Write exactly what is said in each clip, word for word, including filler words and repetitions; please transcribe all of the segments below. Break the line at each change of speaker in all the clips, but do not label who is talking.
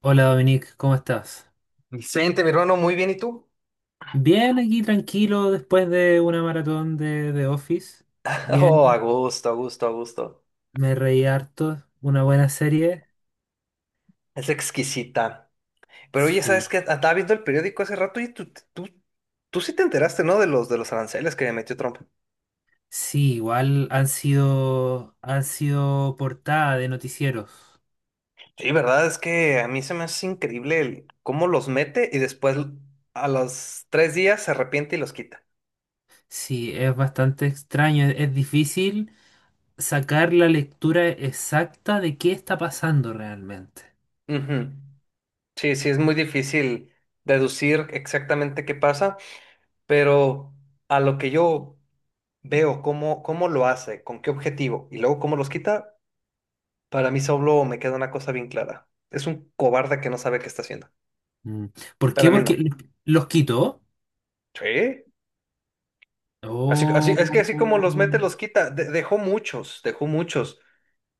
Hola Dominique, ¿cómo estás?
Vicente, mi hermano, muy bien, ¿y tú?
Bien, aquí tranquilo después de una maratón de, de Office.
Oh, a
Bien,
gusto, a gusto, a gusto.
me reí harto, una buena serie.
Es exquisita. Pero oye,
Sí,
¿sabes qué? Estaba viendo el periódico hace rato y tú, tú, tú sí te enteraste, ¿no? De los, de los aranceles que metió Trump.
sí, igual han sido, han sido portada de noticieros.
Sí, verdad, es que a mí se me hace increíble el- cómo los mete y después a los tres días se arrepiente y los quita.
Sí, es bastante extraño, es, es difícil sacar la lectura exacta de qué está pasando realmente.
Ujú. Sí, sí, es muy difícil deducir exactamente qué pasa, pero a lo que yo veo, cómo, cómo lo hace, con qué objetivo y luego cómo los quita. Para mí solo me queda una cosa bien clara. Es un cobarde que no sabe qué está haciendo.
Mm. ¿Por
Para
qué?
mí no.
Porque los quitó.
Sí. Así, así,
Oh.
es que así como los mete, los quita. De- dejó muchos, dejó muchos.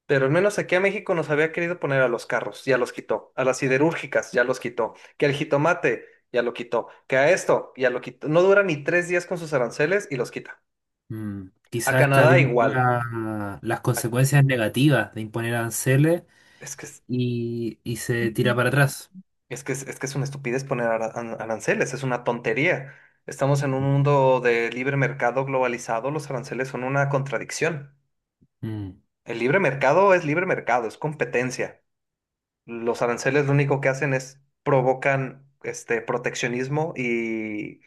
Pero al menos aquí a México nos había querido poner a los carros, ya los quitó. A las siderúrgicas, ya los quitó. Que al jitomate, ya lo quitó. Que a esto, ya lo quitó. No dura ni tres días con sus aranceles y los quita.
Mm,
A
quizás está
Canadá
viendo
igual.
la- las
A-
consecuencias negativas de imponer aranceles
es que es-
y, y se tira para atrás.
Es que es, es que es una estupidez poner ara- an- aranceles, es una tontería. Estamos en un mundo de libre mercado globalizado, los aranceles son una contradicción.
Mm.
El libre mercado es libre mercado, es competencia. Los aranceles lo único que hacen es provocan este proteccionismo y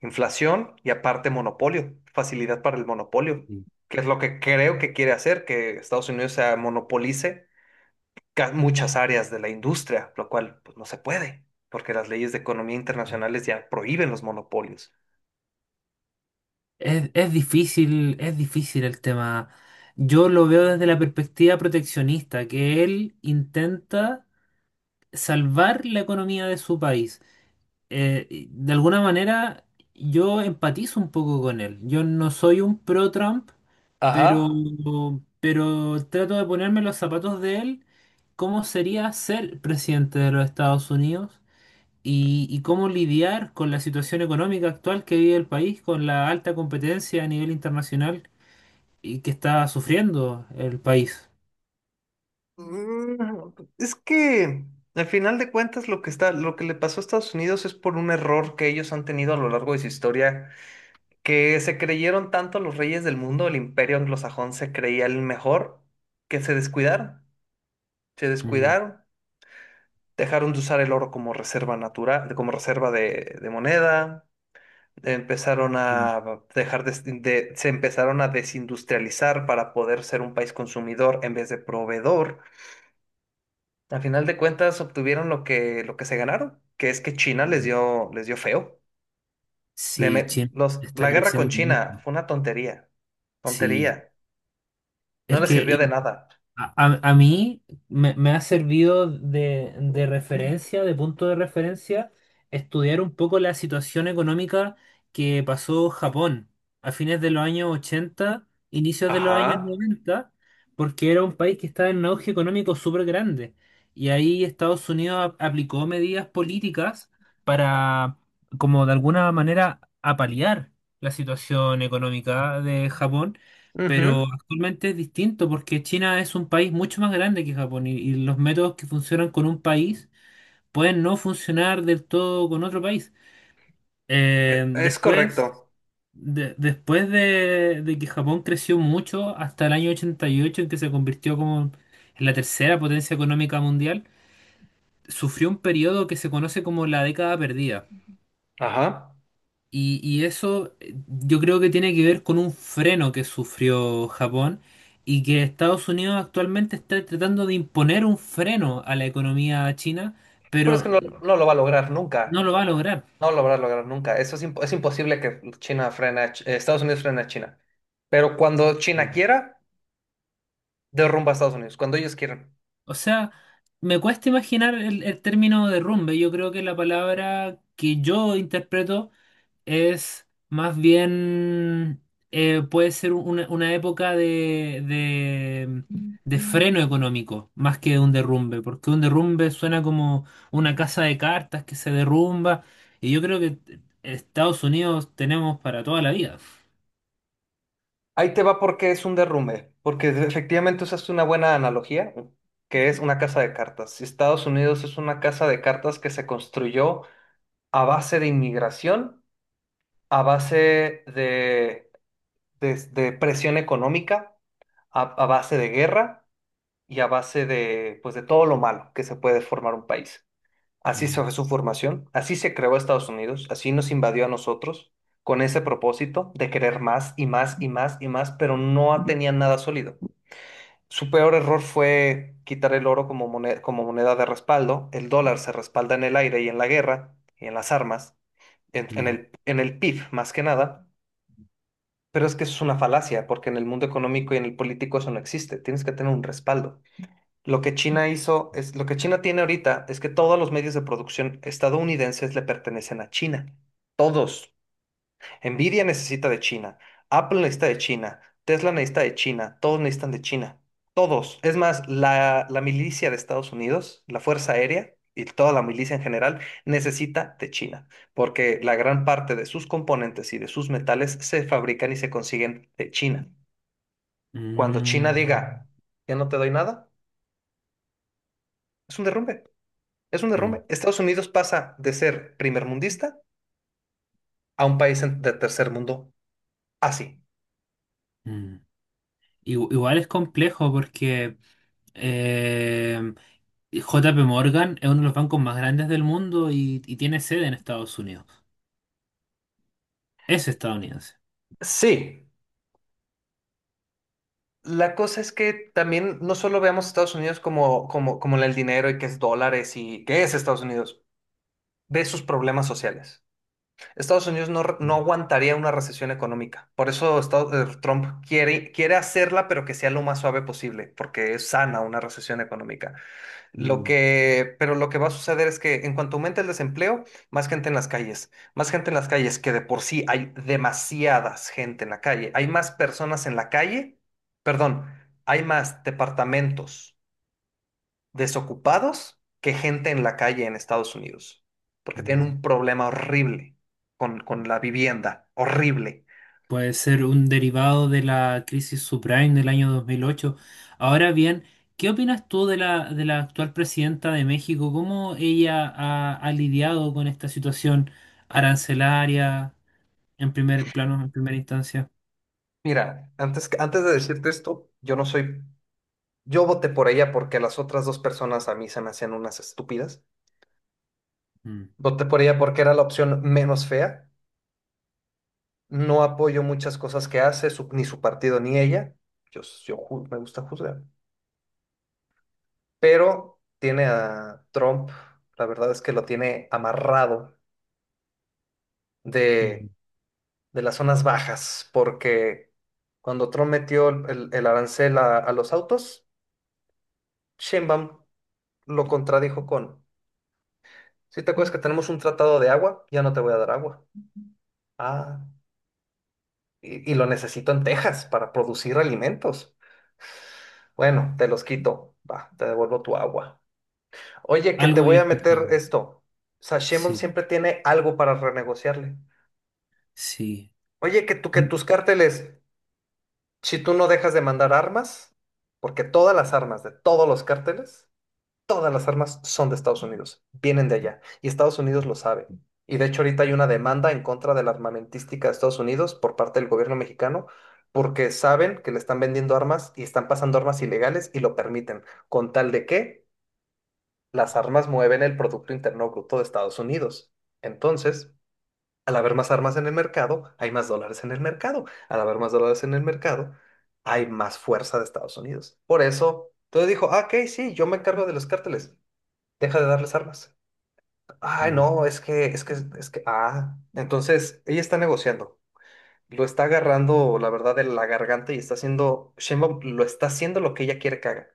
inflación y aparte monopolio, facilidad para el monopolio,
Sí.
que es lo que creo que quiere hacer, que Estados Unidos se monopolice ca- muchas áreas de la industria, lo cual pues, no se puede, porque las leyes de economía internacionales ya prohíben los monopolios.
Es, es difícil, es difícil el tema. Yo lo veo desde la perspectiva proteccionista, que él intenta salvar la economía de su país. Eh, y de alguna manera, yo empatizo un poco con él. Yo no soy un pro-Trump. Pero,
Ajá.
pero trato de ponerme los zapatos de él, cómo sería ser presidente de los Estados Unidos y, y cómo lidiar con la situación económica actual que vive el país, con la alta competencia a nivel internacional y que está sufriendo el país.
Mm, Es que al final de cuentas lo que está, lo que le pasó a Estados Unidos es por un error que ellos han tenido a lo largo de su historia, que se creyeron tanto los reyes del mundo, el imperio anglosajón se creía el mejor, que se descuidaron, se
Mm,
descuidaron, dejaron de usar el oro como reserva natural, como reserva de, de moneda, empezaron
mm,
a dejar de, de- se empezaron a desindustrializar para poder ser un país consumidor en vez de proveedor. Al final de cuentas obtuvieron lo que, lo que se ganaron, que es que China les
mm.
dio, les dio feo. Le
Sí,
me-
China
los,
está
la guerra con
creciendo
China
mucho.
fue una tontería,
Sí,
tontería. No
es
les
que
sirvió de nada.
A, a- a mí me, me ha servido de, de referencia, de punto de referencia, estudiar un poco la situación económica que pasó Japón a fines de los años ochenta, inicios de los años
Ajá.
noventa, porque era un país que estaba en un auge económico súper grande. Y ahí Estados Unidos ap- aplicó medidas políticas para, como de alguna manera, apalear la situación económica de Japón,
ujú,
pero actualmente es distinto porque China es un país mucho más grande que Japón y, y los métodos que funcionan con un país pueden no funcionar del todo con otro país. Eh,
e- Es
después,
correcto.
de- Después de, de que Japón creció mucho hasta el año ochenta y ocho en que se convirtió como en la tercera potencia económica mundial, sufrió un periodo que se conoce como la década perdida.
Ajá.
Y, y eso eh, yo creo que tiene que ver con un freno que sufrió Japón y que Estados Unidos actualmente está tratando de imponer un freno a la economía china,
Pero es que
pero
no, no lo va a lograr
no
nunca.
lo va a lograr.
No lo habrá logrado nunca. Eso es, impo- es imposible que China frene a Ch- eh, Estados Unidos frene a China. Pero cuando China
Sí.
quiera, derrumba a Estados Unidos, cuando ellos quieran.
O sea, me cuesta imaginar el, el término derrumbe. Yo creo que la palabra que yo interpreto es más bien, eh, puede ser una, una época de, de, de
Mm.
freno económico, más que un derrumbe, porque un derrumbe suena como una casa de cartas que se derrumba, y yo creo que Estados Unidos tenemos para toda la vida.
Ahí te va porque es un derrumbe, porque de- efectivamente usaste una buena analogía, que es una casa de cartas. Si Estados Unidos es una casa de cartas que se construyó a base de inmigración, a base de, de- de presión económica, a, a base de guerra y a base de, pues, de todo lo malo que se puede formar un país. Así se
Mm,
fue su formación, así se creó Estados Unidos, así nos invadió a nosotros, con ese propósito de querer más y más y más y más, pero no tenían nada sólido. Su peor error fue quitar el oro como moneda, como moneda de respaldo. El dólar se respalda en el aire y en la guerra y en las armas, en, en
mm,
el, en el P I B más que nada. Pero es que eso es una falacia, porque en el mundo económico y en el político eso no existe. Tienes que tener un respaldo. Lo que China hizo es, lo que China tiene ahorita es que todos los medios de producción estadounidenses le pertenecen a China. Todos. Nvidia necesita de China, Apple necesita de China, Tesla necesita de China, todos necesitan de China. Todos. Es más, la, la milicia de Estados Unidos, la Fuerza Aérea y toda la milicia en general necesita de China, porque la gran parte de sus componentes y de sus metales se fabrican y se consiguen de China. Cuando China
mm,
diga, ya no te doy nada, es un derrumbe. Es un
mm,
derrumbe. Estados Unidos pasa de ser primermundista a un país en- de tercer mundo así.
mm. Igu- Igual es complejo porque eh, J P Morgan es uno de los bancos más grandes del mundo y, y tiene sede en Estados Unidos. Es estadounidense.
Sí. La cosa es que también no solo veamos a Estados Unidos como, como, como el dinero y que es dólares y qué es Estados Unidos. Ve sus problemas sociales. Estados Unidos no, re- no aguantaría una recesión económica. Por eso Estados- eh, Trump quiere, quiere hacerla, pero que sea lo más suave posible, porque es sana una recesión económica. Lo
Mm,
que, pero lo que va a suceder es que en cuanto aumente el desempleo, más gente en las calles, más gente en las calles, que de por sí hay demasiadas gente en la calle, hay más personas en la calle, perdón, hay más departamentos desocupados que gente en la calle en Estados Unidos, porque tienen
mm.
un problema horrible con, con la vivienda, horrible.
Puede ser un derivado de la crisis subprime del año dos mil ocho. Ahora bien, ¿qué opinas tú de la, de la actual presidenta de México? ¿Cómo ella ha, ha lidiado con esta situación arancelaria en primer plano, en primera instancia?
Mira, antes, que- antes de decirte esto, yo no soy, yo voté por ella porque las otras dos personas a mí se me hacían unas estúpidas.
Mm,
Voté por ella porque era la opción menos fea. No apoyo muchas cosas que hace, su- ni su partido ni ella. Yo, yo ju- me gusta juzgar. Pero tiene a Trump, la verdad es que lo tiene amarrado
mm.
de, de las zonas bajas, porque cuando Trump metió el, el- el arancel a, a los autos, Sheinbaum lo contradijo con, si te acuerdas que tenemos un tratado de agua, ya no te voy a dar agua. Ah, y, y lo necesito en Texas para producir alimentos. Bueno, te los quito. Va, te devuelvo tu agua. Oye, que te
Algo
voy
había
a meter
escuchado.
esto. Sashemon
Sí,
siempre tiene algo para renegociarle.
sí.
Oye, que, tú, que
Al-
tus cárteles, si tú no dejas de mandar armas, porque todas las armas de todos los cárteles, todas las armas son de Estados Unidos, vienen de allá, y Estados Unidos lo sabe. Y de hecho ahorita hay una demanda en contra de la armamentística de Estados Unidos por parte del gobierno mexicano, porque saben que le están vendiendo armas y están pasando armas ilegales y lo permiten, con tal de que las armas mueven el Producto Interno Bruto de Estados Unidos. Entonces, al haber más armas en el mercado, hay más dólares en el mercado. Al haber más dólares en el mercado, hay más fuerza de Estados Unidos. Por eso, entonces dijo, ah, ok, sí, yo me encargo de los cárteles. Deja de darles armas. Ay,
Mm. O
no, es que, es que, es que, ah. Entonces, ella está negociando. Lo está agarrando, la verdad, de la garganta y está haciendo, Sheinbaum lo está haciendo lo que ella quiere que haga.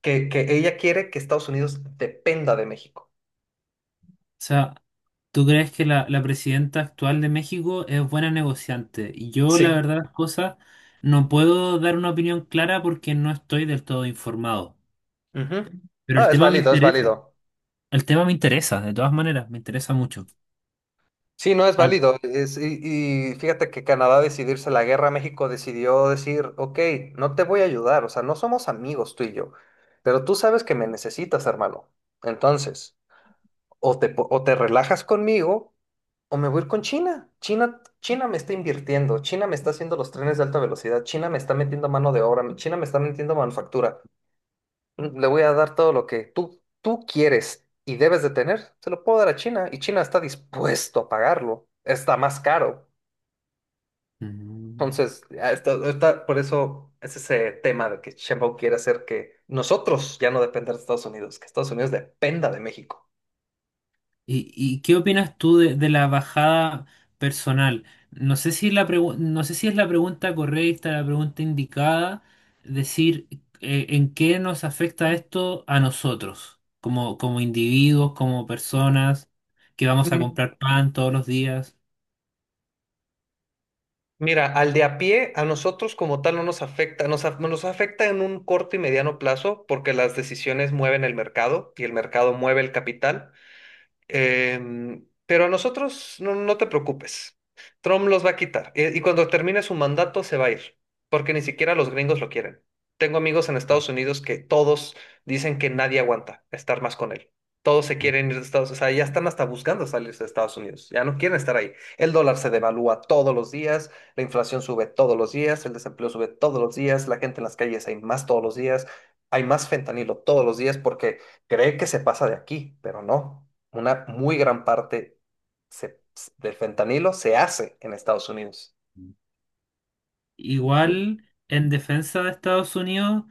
Que, que ella quiere que Estados Unidos dependa de México.
sea, ¿tú crees que la, la presidenta actual de México es buena negociante? Y yo, la
Sí.
verdad, las cosas, no puedo dar una opinión clara porque no estoy del todo informado.
Ujú.
Pero el
Ah, es
tema me
válido, es
interesa.
válido.
El tema me interesa, de todas maneras, me interesa mucho.
Sí, no es
Ah,
válido. Es- y, y fíjate que Canadá decidirse la guerra, México decidió decir, ok, no te voy a ayudar, o sea, no somos amigos tú y yo, pero tú sabes que me necesitas, hermano. Entonces, o te, po- o te relajas conmigo o me voy a ir con China. China, China me está invirtiendo, China me está haciendo los trenes de alta velocidad, China me está metiendo mano de obra, China me está metiendo manufactura. Le voy a dar todo lo que tú, tú quieres y debes de tener. Se lo puedo dar a China y China está dispuesto a pagarlo. Está más caro.
mm.
Entonces, ah, está, está- por eso es ese tema de que Sheinbaum quiere hacer que nosotros ya no depender de Estados Unidos, que Estados Unidos dependa de México.
¿Y, y qué opinas tú de, de la bajada personal? No sé si la pregu- no sé si es la pregunta correcta, la pregunta indicada, decir eh, en qué nos afecta esto a nosotros, como, como individuos, como personas que vamos a
Mm,
comprar pan todos los días.
Mira, al de a pie, a nosotros como tal no nos afecta, nos, af- nos afecta en un corto y mediano plazo porque las decisiones mueven el mercado y el mercado mueve el capital. Em, pero a nosotros no, no te preocupes. Trump los va a quitar. eh, Y cuando termine su mandato se va a ir, porque ni siquiera los gringos lo quieren. Tengo amigos en Estados Unidos que todos dicen que nadie aguanta estar más con él. Todos se
Ujú.
quieren ir de Estados Unidos. O sea, ya están hasta buscando salirse de Estados Unidos. Ya no quieren estar ahí. El dólar se devalúa todos los días, la inflación sube todos los días, el desempleo sube todos los días, la gente en las calles hay más todos los días, hay más fentanilo todos los días porque cree que se pasa de aquí, pero no una muy gran parte se- del fentanilo se hace en Estados Unidos. Mm.
Igual, en defensa de Estados Unidos,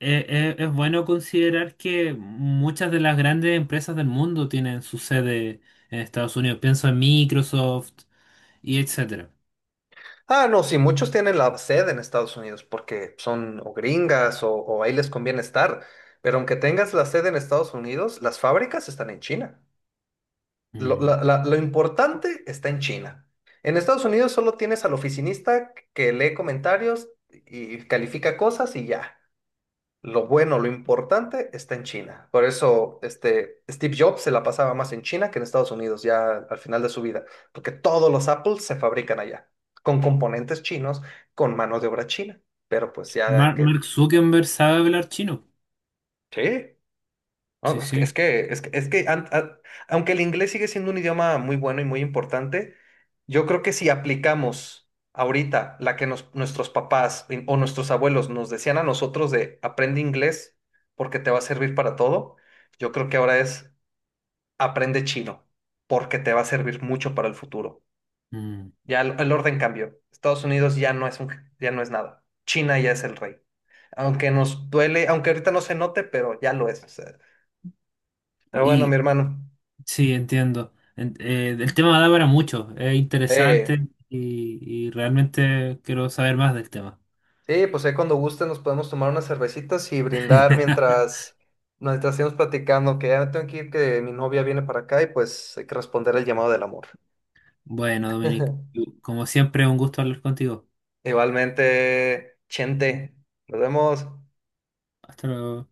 eh, eh, es bueno considerar que muchas de las grandes empresas del mundo tienen su sede en Estados Unidos. Pienso en Microsoft, y etcétera.
Ah, no, sí, muchos tienen la sede en Estados Unidos porque son o gringas o, o ahí les conviene estar. Pero aunque tengas la sede en Estados Unidos, las fábricas están en China. Lo,
Mm.
la- la- lo importante está en China. En Estados Unidos solo tienes al oficinista que lee comentarios y califica cosas y ya. Lo bueno, lo importante está en China. Por eso, este, Steve Jobs se la pasaba más en China que en Estados Unidos, ya al final de su vida, porque todos los Apples se fabrican allá, con componentes chinos, con mano de obra china. Pero pues ya
Mar-
que...
Mark Zuckerberg sabe hablar chino.
Sí. No,
Sí,
no, es que,
sí.
es que, es que, es que an- a- Aunque el inglés sigue siendo un idioma muy bueno y muy importante, yo creo que si aplicamos ahorita la que nos- nuestros papás y- o nuestros abuelos nos decían a nosotros de aprende inglés porque te va a servir para todo, yo creo que ahora es aprende chino porque te va a servir mucho para el futuro.
Mm.
Ya el, el orden cambió. Estados Unidos ya no es un, ya no es nada. China ya es el rey. Aunque nos duele, aunque ahorita no se note, pero ya lo es. O sea. Pero bueno, mi
Y
hermano.
sí, entiendo. En- eh, el tema da para mucho. Es
Eh,
interesante y, y realmente quiero saber más del tema.
sí, pues ahí cuando guste nos podemos tomar unas cervecitas y brindar mientras, mientras estemos platicando, que ya me tengo que ir, que mi novia viene para acá y pues hay que responder al llamado del amor.
Bueno, Dominic, como siempre, un gusto hablar contigo.
Igualmente, Chente, nos vemos.
Hasta luego.